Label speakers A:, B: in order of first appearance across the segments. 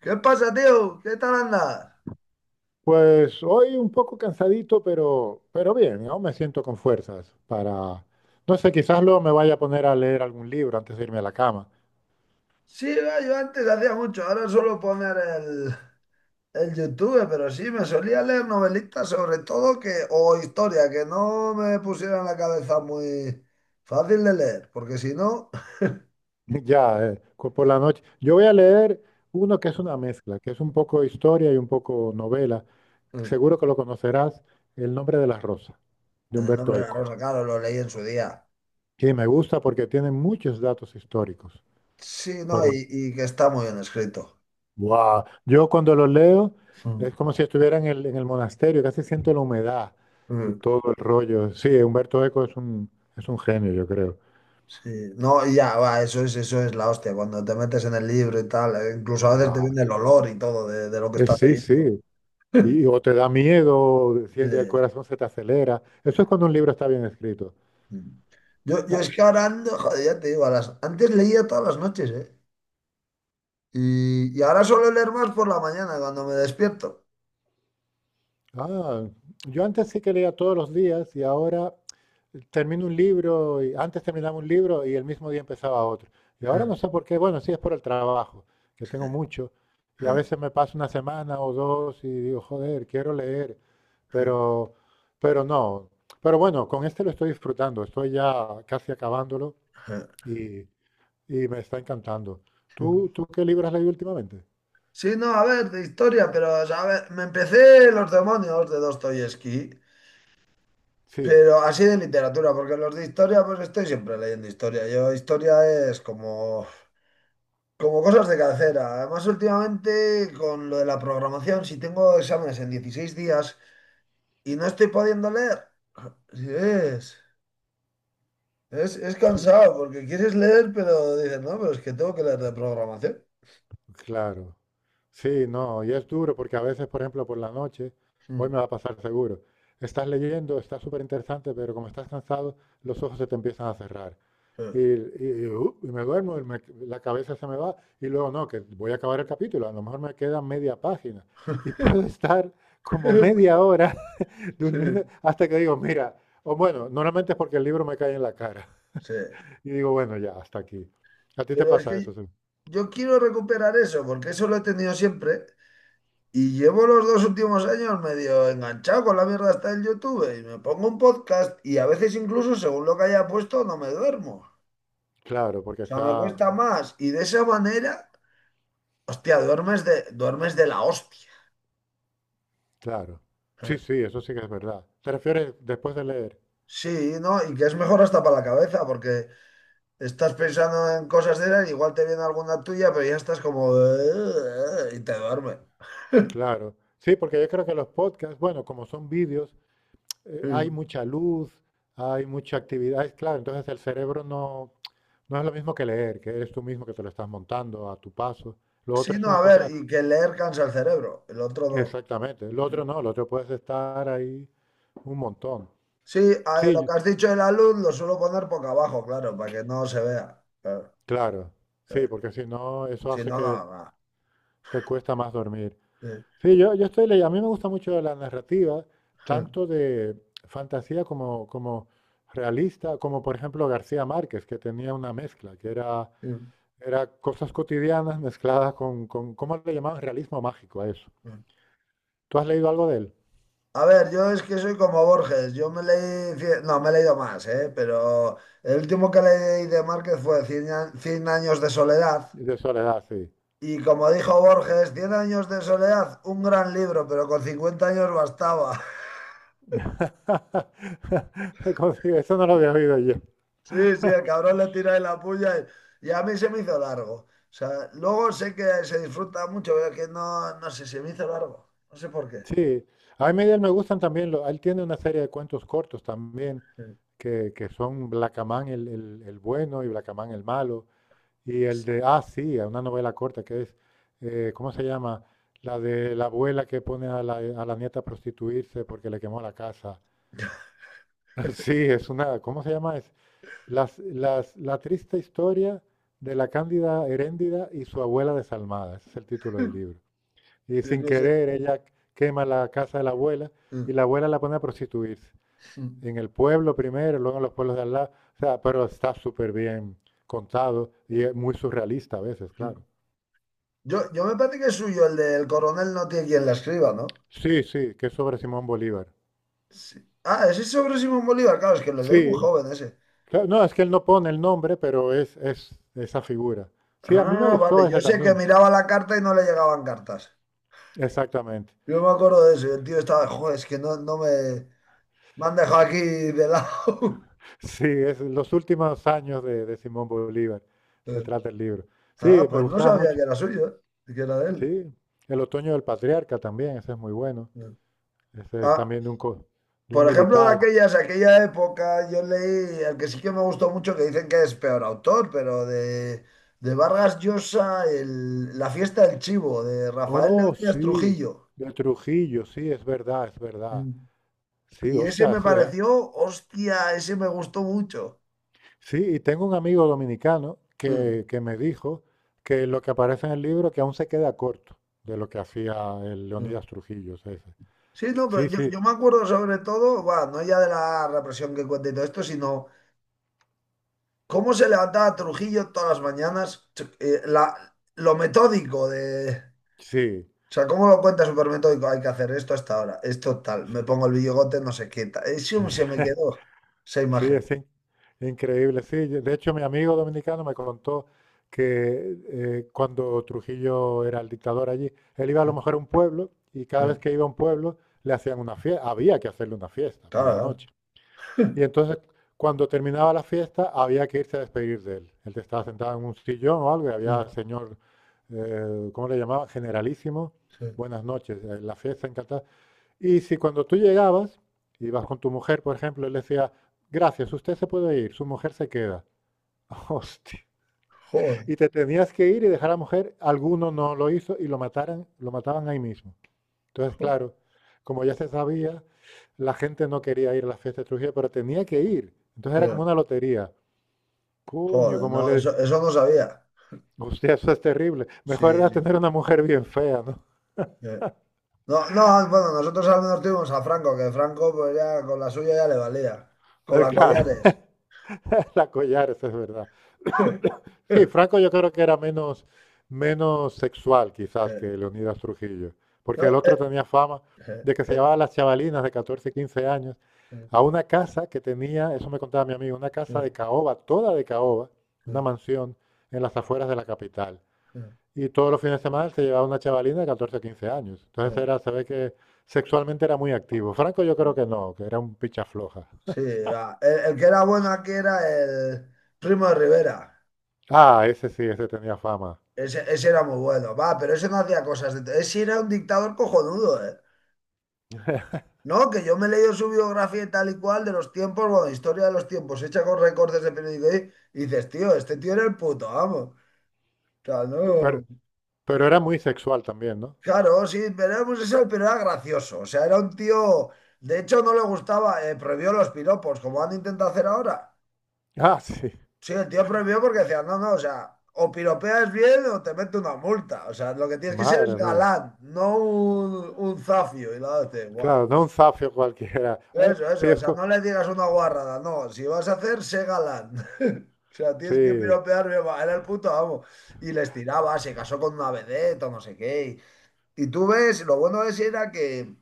A: ¿Qué pasa, tío? ¿Qué tal andas?
B: Pues hoy un poco cansadito, pero bien, aún me siento con fuerzas para, no sé, quizás luego me vaya a poner a leer algún libro antes de irme a la cama.
A: Sí, va, yo antes hacía mucho, ahora suelo poner el YouTube, pero sí, me solía leer novelitas sobre todo que, o historia, que no me pusieran la cabeza muy fácil de leer, porque si no,
B: Ya, por la noche. Yo voy a leer uno que es una mezcla, que es un poco historia y un poco novela.
A: en
B: Seguro que lo conocerás, El nombre de la rosa, de
A: el nombre
B: Humberto
A: de la
B: Eco.
A: rosa, claro, lo leí en su día.
B: Y me gusta porque tiene muchos datos históricos.
A: Sí, no, y que está muy bien escrito.
B: Wow. Yo cuando los leo
A: Mm.
B: es como si estuviera en el monasterio, casi siento la humedad y
A: Mm.
B: todo el rollo. Sí, Humberto Eco es un genio, yo creo.
A: Sí, no, y ya, va, eso es la hostia, cuando te metes en el libro y tal, incluso a veces te
B: Wow.
A: viene el olor y todo de lo que estás
B: Sí,
A: leyendo.
B: sí. Y, o te da miedo, si
A: Sí.
B: el corazón se te acelera. Eso es cuando un libro está bien escrito.
A: Mm. Yo
B: Ah.
A: es que ahora ando, joder, ya te digo, antes leía todas las noches, ¿eh? Y ahora suelo leer más por la mañana cuando me despierto.
B: Ah, yo antes sí que leía todos los días y ahora termino un libro y antes terminaba un libro y el mismo día empezaba otro. Y ahora no sé por qué, bueno, sí es por el trabajo, que tengo mucho y a veces me paso una semana o dos y digo, joder, quiero leer, pero pero no. Pero bueno, con este lo estoy disfrutando, estoy ya casi acabándolo y, y me está encantando. ¿Tú qué libro has leído últimamente?
A: Sí, no, a ver, de historia, pero, o sea, a ver, me empecé Los demonios de Dostoyevsky,
B: Sí,
A: pero así de literatura, porque los de historia, pues estoy siempre leyendo historia. Yo, historia es como cosas de cabecera. Además, últimamente, con lo de la programación, si tengo exámenes en 16 días, y no estoy pudiendo leer. Sí, es, es
B: sí.
A: cansado porque quieres leer, pero dices, no, pero es que tengo que leer de programación.
B: Claro. Sí, no, y es duro porque a veces, por ejemplo, por la noche, hoy me
A: Mm.
B: va a pasar seguro, estás leyendo, está súper interesante, pero como estás cansado, los ojos se te empiezan a cerrar.
A: Sí.
B: Y me duermo, la cabeza se me va, y luego no, que voy a acabar el capítulo, a lo mejor me queda media página. Y puedo estar como media hora
A: Sí,
B: durmiendo hasta que digo, mira, o bueno, normalmente es porque el libro me cae en la cara.
A: sí.
B: Y digo, bueno, ya, hasta aquí. ¿A ti te
A: Pero es
B: pasa eso?
A: que
B: ¿Sí?
A: yo quiero recuperar eso porque eso lo he tenido siempre y llevo los dos últimos años medio enganchado con la mierda hasta el YouTube y me pongo un podcast y a veces incluso según lo que haya puesto no me duermo.
B: Claro,
A: O
B: porque
A: sea,
B: está...
A: me cuesta más y de esa manera, hostia, duermes de la hostia.
B: Claro.
A: Sí.
B: Sí, sí, eso sí que es verdad. ¿Te refieres después de leer?
A: Sí, ¿no? Y que es mejor hasta para la cabeza, porque estás pensando en cosas de esas, igual te viene alguna tuya, pero ya estás como... y te duerme.
B: Claro. Sí, porque yo creo que los podcasts, bueno, como son vídeos, hay mucha luz, hay mucha actividad, es claro, entonces el cerebro no es lo mismo que leer, que eres tú mismo que te lo estás montando a tu paso. Lo otro
A: Sí,
B: es
A: no, a
B: una
A: ver,
B: cosa,
A: y que leer cansa el cerebro, el otro no.
B: exactamente. Lo otro no, lo otro puedes estar ahí un montón.
A: Sí, a ver, lo
B: Sí,
A: que has dicho de la luz lo suelo poner boca abajo, claro, para que no se vea. Claro,
B: claro. Sí,
A: claro.
B: porque si no, eso
A: Si
B: hace
A: no,
B: que
A: no,
B: te cuesta más dormir.
A: no.
B: Sí, yo estoy leyendo. A mí me gusta mucho la narrativa, tanto de fantasía como realista, como por ejemplo García Márquez, que tenía una mezcla,
A: Sí.
B: era cosas cotidianas mezcladas ¿cómo le llamaban? Realismo mágico a eso. ¿Tú has leído algo de él?
A: A ver, yo es que soy como Borges, yo me leí, cien- no, me he leído más, ¿eh? Pero el último que leí de Márquez fue Cien años de soledad.
B: De Soledad, sí.
A: Y como dijo Borges, Cien años de soledad, un gran libro, pero con 50 años bastaba.
B: Como si... Eso no lo había oído yo.
A: Sí, sí, el cabrón le tira de la puya y a mí se me hizo largo. O sea, luego sé que se disfruta mucho, pero que no, no sé, se me hizo largo. No sé por qué.
B: Sí, a mí de él me gustan también, lo- él tiene una serie de cuentos cortos también, que son Blacamán el bueno y Blacamán el malo. Y el de, ah, sí, a una novela corta que es, ¿cómo se llama? La de la abuela que pone a la nieta a prostituirse porque le quemó la casa. Sí, es una, ¿cómo se llama? Es la triste historia de la Cándida Heréndida y su abuela desalmada. Ese es el título del libro. Y
A: Sí,
B: sin
A: no sé.
B: querer, ella quema la casa de la abuela y la abuela la pone a prostituirse. En el pueblo primero, luego en los pueblos de al lado. O sea, pero está súper bien contado y es muy surrealista a veces, claro.
A: Yo me parece que es suyo el del coronel no tiene quien la escriba, ¿no?
B: Sí, sí, que es sobre Simón Bolívar.
A: Sí. Ah, ese es sobre Simón Bolívar, claro, es que lo leí muy
B: Sí,
A: joven ese.
B: claro, no, es que él no pone el nombre, pero es esa figura. Sí, a mí me
A: Ah, vale,
B: gustó
A: yo
B: ese
A: sé que
B: también.
A: miraba la carta y no le llegaban cartas.
B: Exactamente.
A: Yo me acuerdo de eso, y el tío estaba, joder, es que no, no me, me han dejado aquí de lado.
B: Sí, es los últimos años de Simón Bolívar. Se
A: Eh.
B: trata el libro.
A: Ah,
B: Sí, me
A: pues no
B: gustaba
A: sabía que
B: mucho.
A: era suyo, que era de él.
B: Sí, El otoño del patriarca también, ese es muy bueno.
A: Eh.
B: Ese es
A: Ah.
B: también de un, de un
A: Por ejemplo,
B: militar.
A: aquella época, yo leí el que sí que me gustó mucho, que dicen que es peor autor, pero de Vargas Llosa, La fiesta del chivo, de Rafael
B: Oh,
A: Leónidas
B: sí,
A: Trujillo.
B: de Trujillo, sí, es verdad, es verdad.
A: Mm.
B: Sí,
A: Y
B: o
A: ese
B: sea,
A: me
B: sí, eh.
A: pareció, hostia, ese me gustó mucho.
B: Sí, y tengo un amigo dominicano
A: Mm,
B: que me dijo que lo que aparece en el libro que aún se queda corto de lo que hacía el
A: mm.
B: Leonidas Trujillo. Ese.
A: Sí, no, pero
B: Sí,
A: yo,
B: sí,
A: yo me acuerdo sobre todo, va, no ya de la represión que cuenta y todo esto, sino cómo se levantaba Trujillo todas las mañanas, lo metódico de...
B: sí,
A: O sea, ¿cómo lo cuenta? Supermetódico. Hay que hacer esto hasta ahora, esto tal, me pongo el bigote, no sé qué tal. Y sí, se me quedó esa
B: sí,
A: imagen.
B: increíble. Sí, yo- de hecho mi amigo dominicano me contó que cuando Trujillo era el dictador allí, él iba a lo mejor a un pueblo y cada vez que iba a un pueblo le hacían una fiesta, había que hacerle una fiesta por
A: Claro,
B: la
A: claro.
B: noche. Y entonces, cuando terminaba la fiesta, había que irse a despedir de él. Él estaba sentado en un sillón o algo, y había
A: Sí,
B: el señor, ¿cómo le llamaba? Generalísimo.
A: sí.
B: Buenas noches, la fiesta encantada. Y si cuando tú llegabas, ibas con tu mujer, por ejemplo, él decía, gracias, usted se puede ir, su mujer se queda. Hostia.
A: Joder.
B: Y te tenías que ir y dejar a la mujer, alguno no lo hizo y lo mataran, lo mataban ahí mismo. Entonces, claro, como ya se sabía, la gente no quería ir a la fiesta de Trujillo, pero tenía que ir. Entonces era como
A: joder,
B: una lotería. Puño,
A: joder,
B: como
A: no,
B: le...
A: eso no sabía.
B: Usted, eso es terrible.
A: Sí,
B: Mejor era
A: sí.
B: tener una mujer bien fea, ¿no?
A: Eh. No, no, bueno, nosotros al menos tuvimos a Franco, que Franco pues ya con la suya ya le valía. Con la
B: Claro,
A: collares.
B: la collares, es verdad. Sí, Franco yo creo que era menos, menos sexual quizás
A: Eh.
B: que Leonidas Trujillo,
A: No.
B: porque el otro tenía fama
A: Eh,
B: de que se
A: eh,
B: llevaba a las chavalinas de 14 15 años
A: eh,
B: a una casa que tenía, eso me contaba mi amigo, una casa
A: eh,
B: de caoba, toda de caoba,
A: eh,
B: una
A: eh,
B: mansión en las afueras de la capital. Y todos los fines de semana se llevaba una chavalina de 14 15 años. Entonces
A: eh.
B: era, se ve que sexualmente era muy activo. Franco yo creo
A: eh.
B: que no, que era un picha floja.
A: Sí, va. El que era bueno aquí era el Primo de Rivera.
B: Ah, ese sí, ese tenía fama.
A: Ese era muy bueno, va, pero ese no hacía cosas. De... Ese era un dictador cojonudo, ¿eh? No, que yo me he leído su biografía y tal y cual de los tiempos, bueno, historia de los tiempos, hecha con recortes de periódico y dices, tío, este tío era el puto, vamos. O sea,
B: Pe- Pero,
A: no.
B: pero era muy sexual también, ¿no?
A: Claro, sí, pero era homosexual, pero era gracioso. O sea, era un tío. De hecho, no le gustaba, prohibió los piropos, como han intentado hacer ahora.
B: Ah, sí.
A: Sí, el tío prohibió porque decía, no, no, o sea, o piropeas bien o te mete una multa. O sea, lo que tienes que ser es
B: Madre mía.
A: galán, no un zafio. Y la otra dice, guau,
B: Claro, no un zafio cualquiera.
A: eso, eso, o sea, no le digas una guarrada, no, si vas a hacer, sé galán. O sea, tienes que
B: Sí,
A: piropear bien, va, era el puto amo. Y les tiraba, se casó con una vedette o no sé qué. Y tú ves, lo bueno de ese era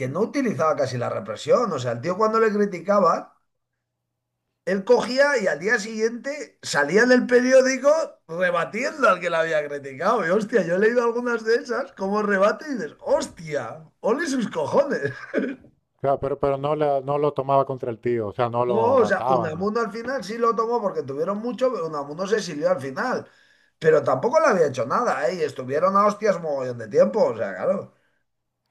A: que no utilizaba casi la represión. O sea, el tío cuando le criticaban él cogía y al día siguiente salía en el periódico rebatiendo al que la había criticado. Y hostia, yo he leído algunas de esas como rebate y dices, hostia, ole sus cojones.
B: claro, pero no, no lo tomaba contra el tío, o sea, no
A: No,
B: lo
A: o sea,
B: mataban. Ni...
A: Unamuno al final sí lo tomó porque tuvieron mucho, pero Unamuno se exilió al final. Pero tampoco le había hecho nada, ¿eh? Y estuvieron a hostias mogollón de tiempo. O sea, claro,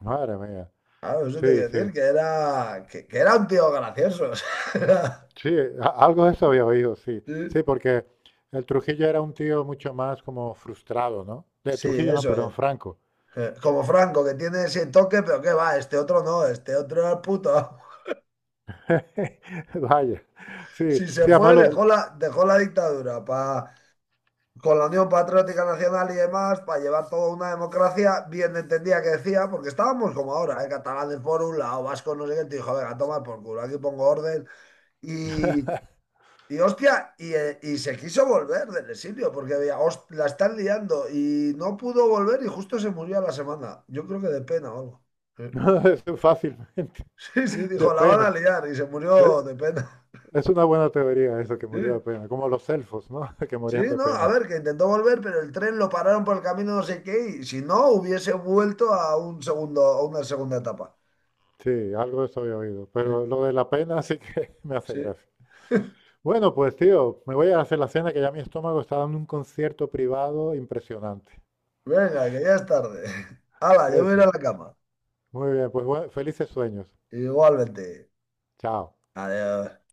B: Madre mía.
A: claro, eso te
B: Sí,
A: quiero decir
B: sí.
A: que era, que era un tío gracioso. O sea,
B: Sí, algo de eso había oído, sí.
A: sí,
B: Sí, porque el Trujillo era un tío mucho más como frustrado, ¿no? De
A: sí,
B: Trujillo, no,
A: eso
B: perdón,
A: es.
B: Franco.
A: Eh. Como Franco, que tiene ese toque, pero qué va, este otro no, este otro era el puto amo.
B: Vaya. Sí,
A: Si se
B: sí, además
A: fue,
B: lo,
A: dejó la dictadura pa- con la Unión Patriótica Nacional y demás para llevar toda una democracia, bien entendía que decía, porque estábamos como ahora, ¿eh? Catalanes por un lado, vascos no sé qué, te dijo, venga, toma por culo, aquí pongo orden. Y, y y se quiso volver del exilio, porque había, "Host- la están liando", y no pudo volver y justo se murió a la semana. Yo creo que de pena o algo. Sí.
B: lo- fácilmente,
A: Sí, sí,
B: de
A: dijo, la van a
B: pena.
A: liar y se murió
B: Eh,
A: de pena.
B: Es una buena teoría eso, que
A: Sí,
B: murió de pena, como los elfos, ¿no? Que
A: sí,
B: morían de
A: no, a
B: pena.
A: ver, que intentó volver, pero el tren lo pararon por el camino no sé qué y si no, hubiese vuelto a a una segunda etapa.
B: Sí, algo de eso había oído. Pero
A: Sí,
B: lo de la pena sí que me hace
A: sí.
B: gracia. Bueno, pues tío, me voy a hacer la cena que ya mi estómago está dando un concierto privado impresionante.
A: Venga, que ya es tarde. Hala, yo me iré a
B: Eso.
A: la cama.
B: Muy bien, pues bueno, felices sueños.
A: Igualmente.
B: Chao.
A: Adiós.